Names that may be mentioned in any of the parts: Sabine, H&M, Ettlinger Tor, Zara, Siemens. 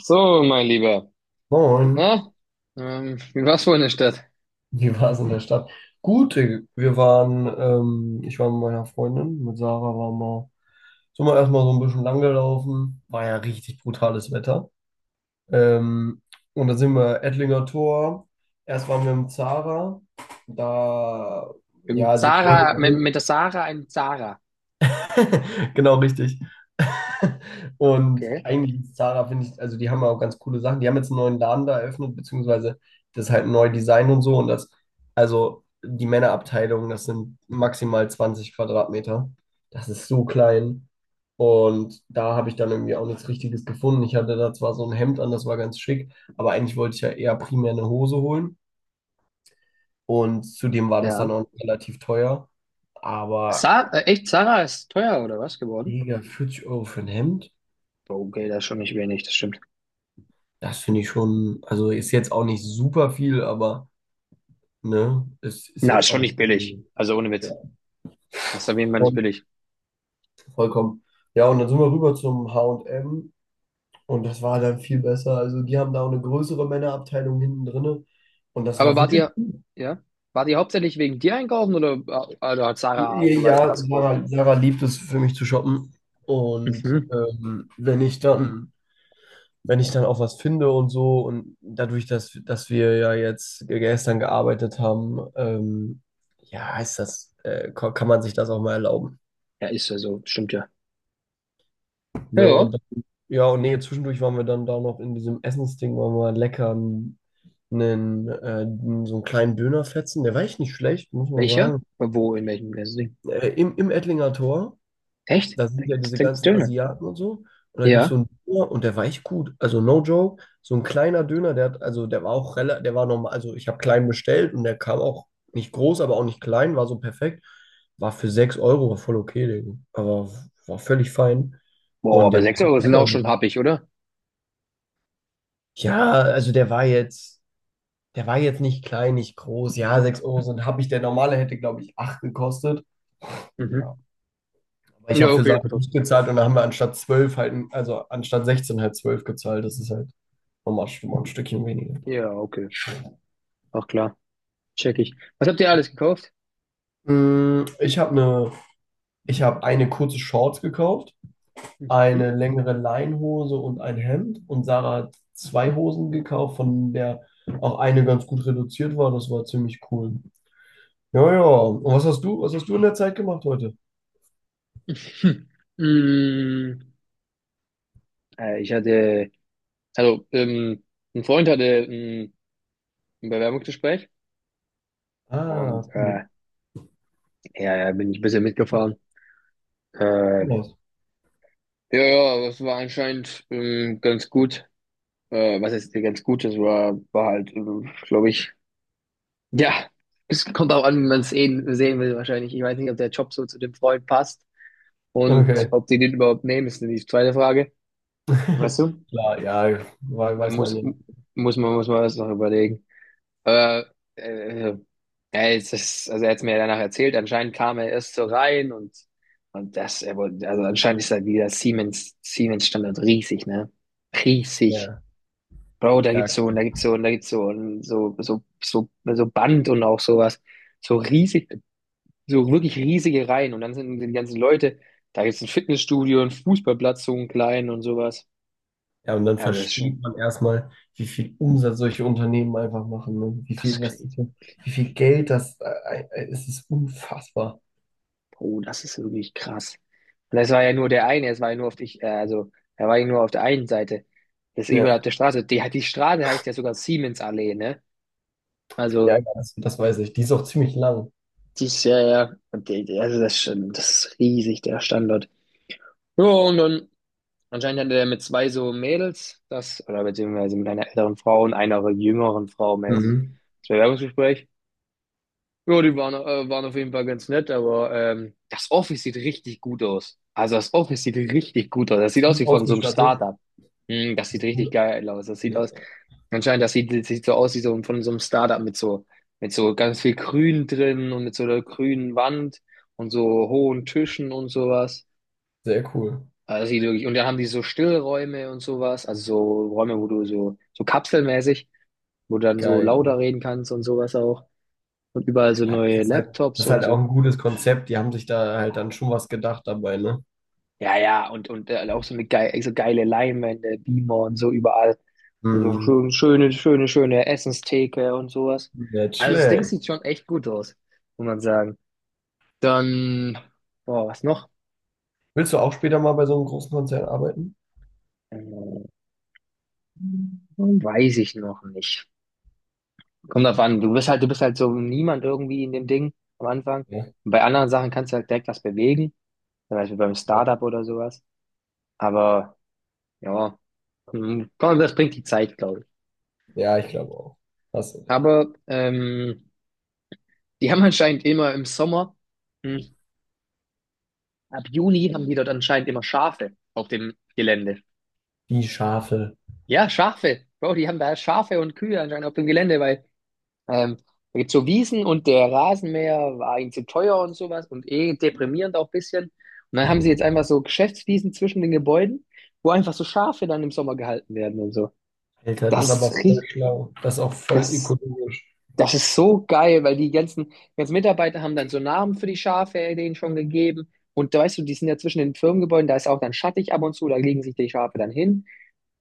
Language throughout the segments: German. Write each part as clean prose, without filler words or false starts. So, mein Lieber. Moin, Na, wie war's wohl in der Stadt? wie war es in der Stadt? Gut, wir waren, ich war mit meiner Freundin, mit Sarah sind wir erstmal so ein bisschen lang gelaufen, war ja richtig brutales Wetter. Ähm, und dann sind wir Ettlinger Tor, erst waren wir im Zara, da, ja, Mit also ich wollte, ja, Zara, mit der Sarah in Zara. genau richtig. Und Okay. eigentlich ist Zara, finde ich, also die haben auch ganz coole Sachen. Die haben jetzt einen neuen Laden da eröffnet, beziehungsweise das ist halt ein neues Design und so. Und das, also die Männerabteilung, das sind maximal 20 Quadratmeter. Das ist so klein. Und da habe ich dann irgendwie auch nichts Richtiges gefunden. Ich hatte da zwar so ein Hemd an, das war ganz schick, aber eigentlich wollte ich ja eher primär eine Hose holen. Und zudem war das dann Ja. auch relativ teuer. Aber, Sa Echt, Zara ist teuer oder was geworden? Digga, 40 Euro für ein Hemd? Okay, das ist schon nicht wenig, das stimmt. Das finde ich schon, also ist jetzt auch nicht super viel, aber ne, es ist Na, ist jetzt schon auch nicht billig. Also ohne Witz. ja, Das ist auf jeden Fall nicht voll- billig. vollkommen. Ja, und dann sind wir rüber zum H&M und M, und das war dann viel besser. Also die haben da auch eine größere Männerabteilung hinten drinne, und das Aber war wart wirklich ihr, gut. ja? Wart ihr hauptsächlich wegen dir einkaufen oder, also hat Sarah Ja, so weit ja, was gebaut? Sarah liebt es, für mich zu shoppen. Und Mhm. Wenn ich dann, wenn ich dann auch was finde und so, und dadurch, dass wir ja jetzt gestern gearbeitet haben, ja, ist das, kann man sich das auch mal erlauben. Ja, ist ja so, stimmt ja. Ja, Ne? Und ja. dann, ja, und nee, zwischendurch waren wir dann da noch in diesem Essensding, waren wir lecker einen, äh, so einen kleinen Dönerfetzen, der war echt nicht schlecht, muss man Welcher? sagen. Wo, in welchem Ding? Im Ettlinger Tor. Echt? Da Da sind ja gibt's, diese da gibt's ganzen Döner. Asiaten und so. Und da gibt es so Ja. einen Döner und der war echt gut. Also no joke, so ein kleiner Döner, der hat, also der war auch relativ, der war normal, also ich habe klein bestellt und der kam auch nicht groß, aber auch nicht klein, war so perfekt. War für 6 Euro, war voll okay, Digga. Aber war völlig fein. Boah, Und der aber war 6 Euro sind lecker. auch schon happig, oder? Ja, also der war jetzt nicht klein, nicht groß. Ja, 6 Euro sind, habe ich, der normale hätte, glaube ich, 8 gekostet. Ja, Mhm. weil ich Ja, habe für okay, aber Sachen nicht trotzdem. gezahlt, und da haben wir anstatt 12 halt, also anstatt 16 halt 12 gezahlt. Das ist halt nochmal schon mal ein Stückchen weniger. Ja, okay. Ach klar, check ich. Was habt ihr alles gekauft? Mm, Ich habe eine, ich habe eine kurze Shorts gekauft, Mhm. eine längere Leinhose und ein Hemd. Und Sarah hat zwei Hosen gekauft, von der auch eine ganz gut reduziert war. Das war ziemlich cool. Ja, ja. Und was hast du in der Zeit gemacht heute? Hm. Mm, Ich hatte, also ein Freund hatte ein Bewerbungsgespräch und Ah, cool. Ja, ja, bin ich ein bisschen mitgefahren. Cool Ähm, aus. ja, ja, aber es war anscheinend ganz gut. Was ist ganz gut? Das war halt, glaube ich, ja, es kommt auch an, wie man es sehen will wahrscheinlich. Ich weiß nicht, ob der Job so zu dem Freund passt und Okay. ob die den überhaupt nehmen, ist die zweite Frage. Weißt du? Klar, ja, Man weiß man Muss, ja. Muss man das noch überlegen. Äh, äh, also er hat es mir ja danach erzählt, anscheinend kam er erst so rein und das, er wollte, also anscheinend ist da wieder Siemens-Standard riesig, ne? Riesig. Ja, Bro, da ja. gibt's so und da gibt's so und da gibt's so und so, so, so, so Band und auch sowas. So riesig. So wirklich riesige Reihen und dann sind die ganzen Leute, da gibt's ein Fitnessstudio, einen Fußballplatz, so einen kleinen und sowas. Ja, und dann Ja, das ist schon, versteht man erstmal, wie viel Umsatz solche Unternehmen einfach machen, ne? Wie das ist viel, was, crazy. wie viel Geld das, es ist unfassbar. Oh, das ist wirklich krass. Und das war ja nur der eine, es war ja nur also, er war ja nur auf der einen Seite. Das ist überall Ja, auf der Straße. Die Straße heißt ja sogar Siemensallee, ne? Also, ja, ja, das, das weiß ich. Die ist auch ziemlich lang. die ist ja, ja, und also das ist schon, das ist riesig, der Standort. Ja, und dann anscheinend hatte er mit zwei so Mädels das, oder beziehungsweise mit einer älteren Frau und einer jüngeren Frau mäßig Mhm. das Bewerbungsgespräch. Ja, die waren auf jeden Fall ganz nett, aber das Office sieht richtig gut aus. Also das Office sieht richtig gut aus. Das sieht Ist aus gut wie von so einem ausgestattet. Startup. Das sieht Ist richtig gut. geil aus. Das sieht Ja, aus, anscheinend, das sieht so aus wie so von so einem Startup mit so ganz viel Grün drin und mit so einer grünen Wand und so hohen Tischen und sowas. sehr cool. Also das sieht wirklich, und dann haben die so Stillräume und sowas, also so Räume, wo du so kapselmäßig, wo du dann so Geil. lauter reden kannst und sowas auch. Und überall so Ja, neue Laptops das ist und halt auch so. ein gutes Konzept. Die haben sich da halt dann schon was gedacht dabei, ne? Ja, ja, auch so eine geile, so geile Leinwände, Beamer und so überall. Und so Mhm. schön, schöne, schöne, schöne Essenstheke und sowas. Nicht Also das Ding schlecht. sieht schon echt gut aus, muss man sagen. Dann, boah, was noch? Willst du auch später mal bei so einem großen Konzern arbeiten? Äh, Weiß ich noch nicht. Kommt drauf an, du bist halt so niemand irgendwie in dem Ding am Anfang. Ja, Und bei anderen Sachen kannst du halt direkt was bewegen, zum Beispiel beim ja. Startup oder sowas. Aber ja, komm, das bringt die Zeit, glaube ich. Ja, ich glaube auch. Hast du recht. Aber die haben anscheinend immer im Sommer, hm, ab Juni haben die dort anscheinend immer Schafe auf dem Gelände. Die Schafe. Ja, Schafe. Bro, die haben da Schafe und Kühe anscheinend auf dem Gelände, weil Ähm, da gibt's so Wiesen und der Rasenmäher war ihnen zu teuer und sowas und eh deprimierend auch ein bisschen. Und dann haben sie jetzt einfach so Geschäftswiesen zwischen den Gebäuden, wo einfach so Schafe dann im Sommer gehalten werden und so. Alter, das ist Das ist aber voll richtig, schlau. Das ist auch voll das, ökologisch. das ist so geil, weil die ganzen, ganzen Mitarbeiter haben dann so Namen für die Schafe denen schon gegeben. Und da weißt du, die sind ja zwischen den Firmengebäuden, da ist auch dann schattig ab und zu, da legen sich die Schafe dann hin.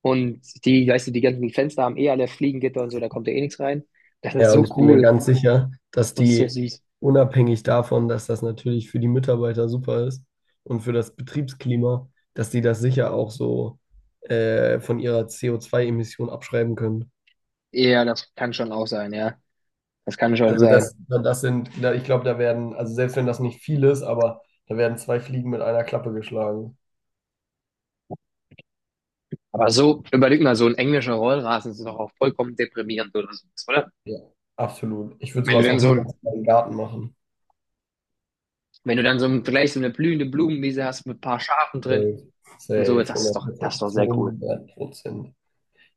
Und die, weißt du, die ganzen Fenster haben eh alle Fliegengitter und so, da kommt ja eh nichts rein. Das ist Ja, und so ich bin mir cool ganz sicher, dass und so die süß. unabhängig davon, dass das natürlich für die Mitarbeiter super ist und für das Betriebsklima, dass die das sicher auch so, von ihrer co zwei emission abschreiben können. Ja, das kann schon auch sein, ja. Das kann schon Also sein. das, das sind, ich glaube, da werden, also selbst wenn das nicht viel ist, aber da werden zwei Fliegen mit einer Klappe geschlagen. Aber so, überleg mal, so ein englischer Rollrasen ist doch auch vollkommen deprimierend oder so, oder? Ja, absolut. Ich würde Wenn du sowas dann auch so niemals in ein, meinem Garten machen. Wenn du dann gleich so eine blühende Blumenwiese hast mit ein paar Schafen drin Safe, und so, Safe, das ist 100%, doch sehr cool. 200%.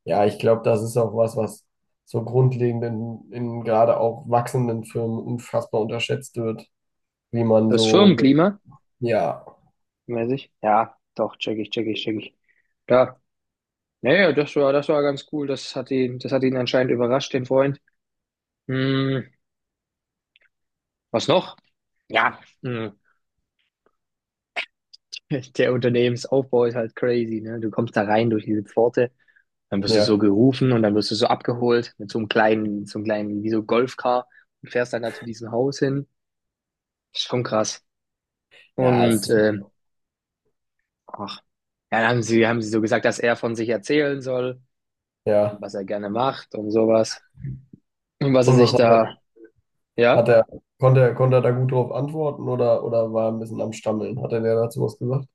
Ja, ich glaube, das ist auch was, was so grundlegend in gerade auch wachsenden Firmen unfassbar unterschätzt wird, wie man Das so, Firmenklima, ja, mäßig, ja, doch, check ich, check ich, check ich. Da, naja, das war ganz cool. Das hat ihn anscheinend überrascht, den Freund. Hm, Was noch? Ja, der Unternehmensaufbau ist halt crazy, ne? Du kommst da rein durch diese Pforte. Dann wirst du so ja, gerufen und dann wirst du so abgeholt mit so einem kleinen, wie so Golfcar und fährst dann da zu diesem Haus hin. Ist schon krass. ja, Und es, ach, ja, dann haben sie so gesagt, dass er von sich erzählen soll und ja. was er gerne macht und sowas. Und was er Und was sich hat er, da, ja, hat er, konnte er da gut drauf antworten, oder war er ein bisschen am Stammeln? Hat er dir dazu was gesagt?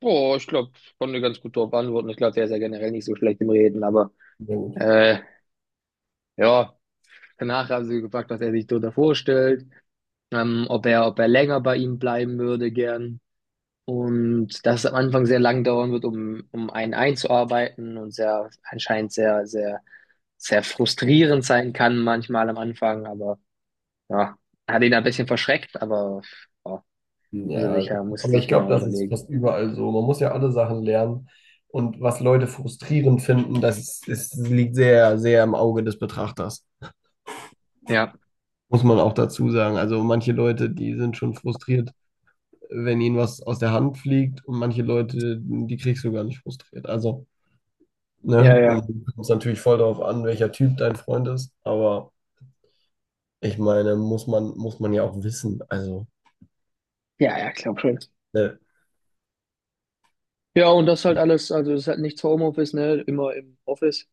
boah, ich glaube, ich konnte ganz gut darauf antworten. Ich glaube, der ist ja generell nicht so schlecht im Reden, aber Ja, gut. äh, ja, danach haben sie gefragt, was er sich darunter vorstellt, ob er länger bei ihm bleiben würde, gern. Und dass es am Anfang sehr lang dauern wird, um einen einzuarbeiten und sehr, anscheinend sehr, sehr, sehr frustrierend sein kann manchmal am Anfang, aber ja, hat ihn ein bisschen verschreckt, aber ja, muss er Ja, sich gut, ja, muss er aber ich sich glaube, genau das ist überlegen. fast überall so. Man muss ja alle Sachen lernen. Und was Leute frustrierend finden, liegt sehr, sehr im Auge des Betrachters. Ja. Muss man auch dazu sagen. Also manche Leute, die sind schon frustriert, wenn ihnen was aus der Hand fliegt, und manche Leute, die kriegst du gar nicht frustriert. Also, Ja, ne? Und ja. es kommt natürlich voll darauf an, welcher Typ dein Freund ist. Aber ich meine, muss man ja auch wissen. Also, Ja, ja, glaub schon. ne? Ja, und das halt alles, also das ist halt nichts für Homeoffice, ne? Immer im Office.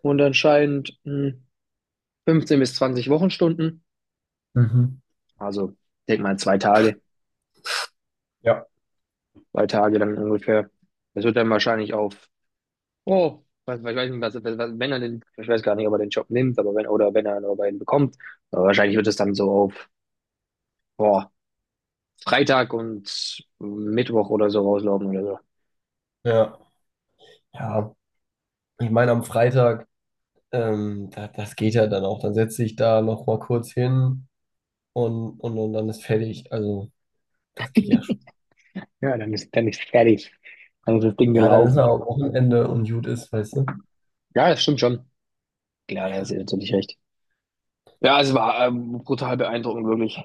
Und anscheinend 15 bis 20 Wochenstunden. Mhm. Also, denk mal 2 Tage, Ja, 2 Tage dann ungefähr. Das wird dann wahrscheinlich auf, oh, was, ich weiß nicht, was, wenn er den, ich weiß gar nicht, ob er den Job nimmt, aber wenn, oder wenn er nur einen bekommt, aber wahrscheinlich wird es dann so auf, boah, Freitag und Mittwoch oder so rauslaufen oder so. ja, ja. Ich meine, am Freitag, da, das geht ja dann auch. Dann setze ich da noch mal kurz hin, und dann ist fertig. Also, das geht ja schon. Ja, dann ist fertig. Dann ist das Ding Ja, dann ist ja gelaufen. auch Wochenende und gut ist, weißt du? Ja, das stimmt schon. Klar, da ist er natürlich recht. Ja, es war brutal beeindruckend, wirklich.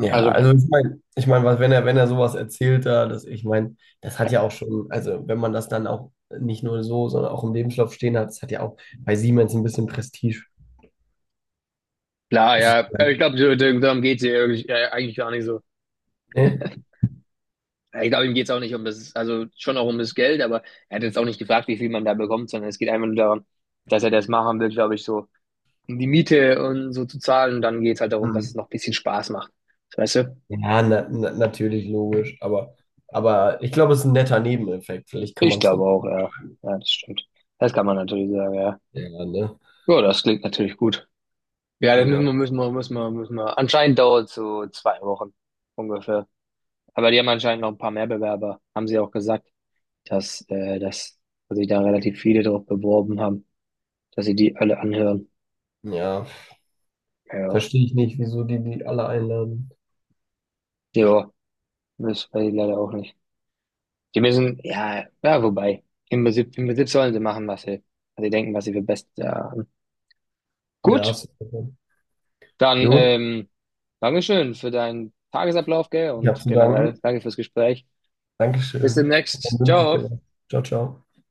Ja, Also, also ich meine, ich mein, was, wenn er, sowas erzählt da, das, ich meine, das hat ja auch schon, also wenn man das dann auch nicht nur so, sondern auch im Lebenslauf stehen hat, das hat ja auch bei Siemens ein bisschen Prestige. klar, Das ist, ja, also, ich glaube, darum geht's hier irgendwie, eigentlich gar nicht so. ne? Ja, ich glaube, ihm geht es auch nicht um das, also schon auch um das Geld, aber er hat jetzt auch nicht gefragt, wie viel man da bekommt, sondern es geht einfach nur darum, dass er das machen will, glaube ich, so, um die Miete und so zu zahlen. Und dann geht es halt darum, dass Hm. es noch ein bisschen Spaß macht. Weißt du? Ja, na, na, natürlich logisch, aber ich glaube, es ist ein netter Nebeneffekt. Vielleicht kann Ich man es glaube so. auch, ja. Ja, das stimmt. Das kann man natürlich sagen, ja. Ja, ne? Ja, das klingt natürlich gut. Ja, das müssen Ja, wir, müssen wir, müssen wir, müssen wir. Anscheinend dauert es so 2 Wochen ungefähr. Aber die haben anscheinend noch ein paar mehr Bewerber, haben sie auch gesagt, dass sich da relativ viele drauf beworben haben, dass sie die alle anhören. ja. Ja. Verstehe ich nicht, wieso die die alle einladen. Ja, das weiß ich leider auch nicht. Die müssen, ja, ja, wobei. Im Prinzip sollen sie machen, was sie denken, was sie für best haben. Ja, Gut, super. dann Gut, Dankeschön für deinen Tagesablauf, gell? ich habe Und zu generell danken. danke fürs Gespräch. Bis Dankeschön. Dann demnächst. wünsche ich dir Ciao. was. Ciao, ciao.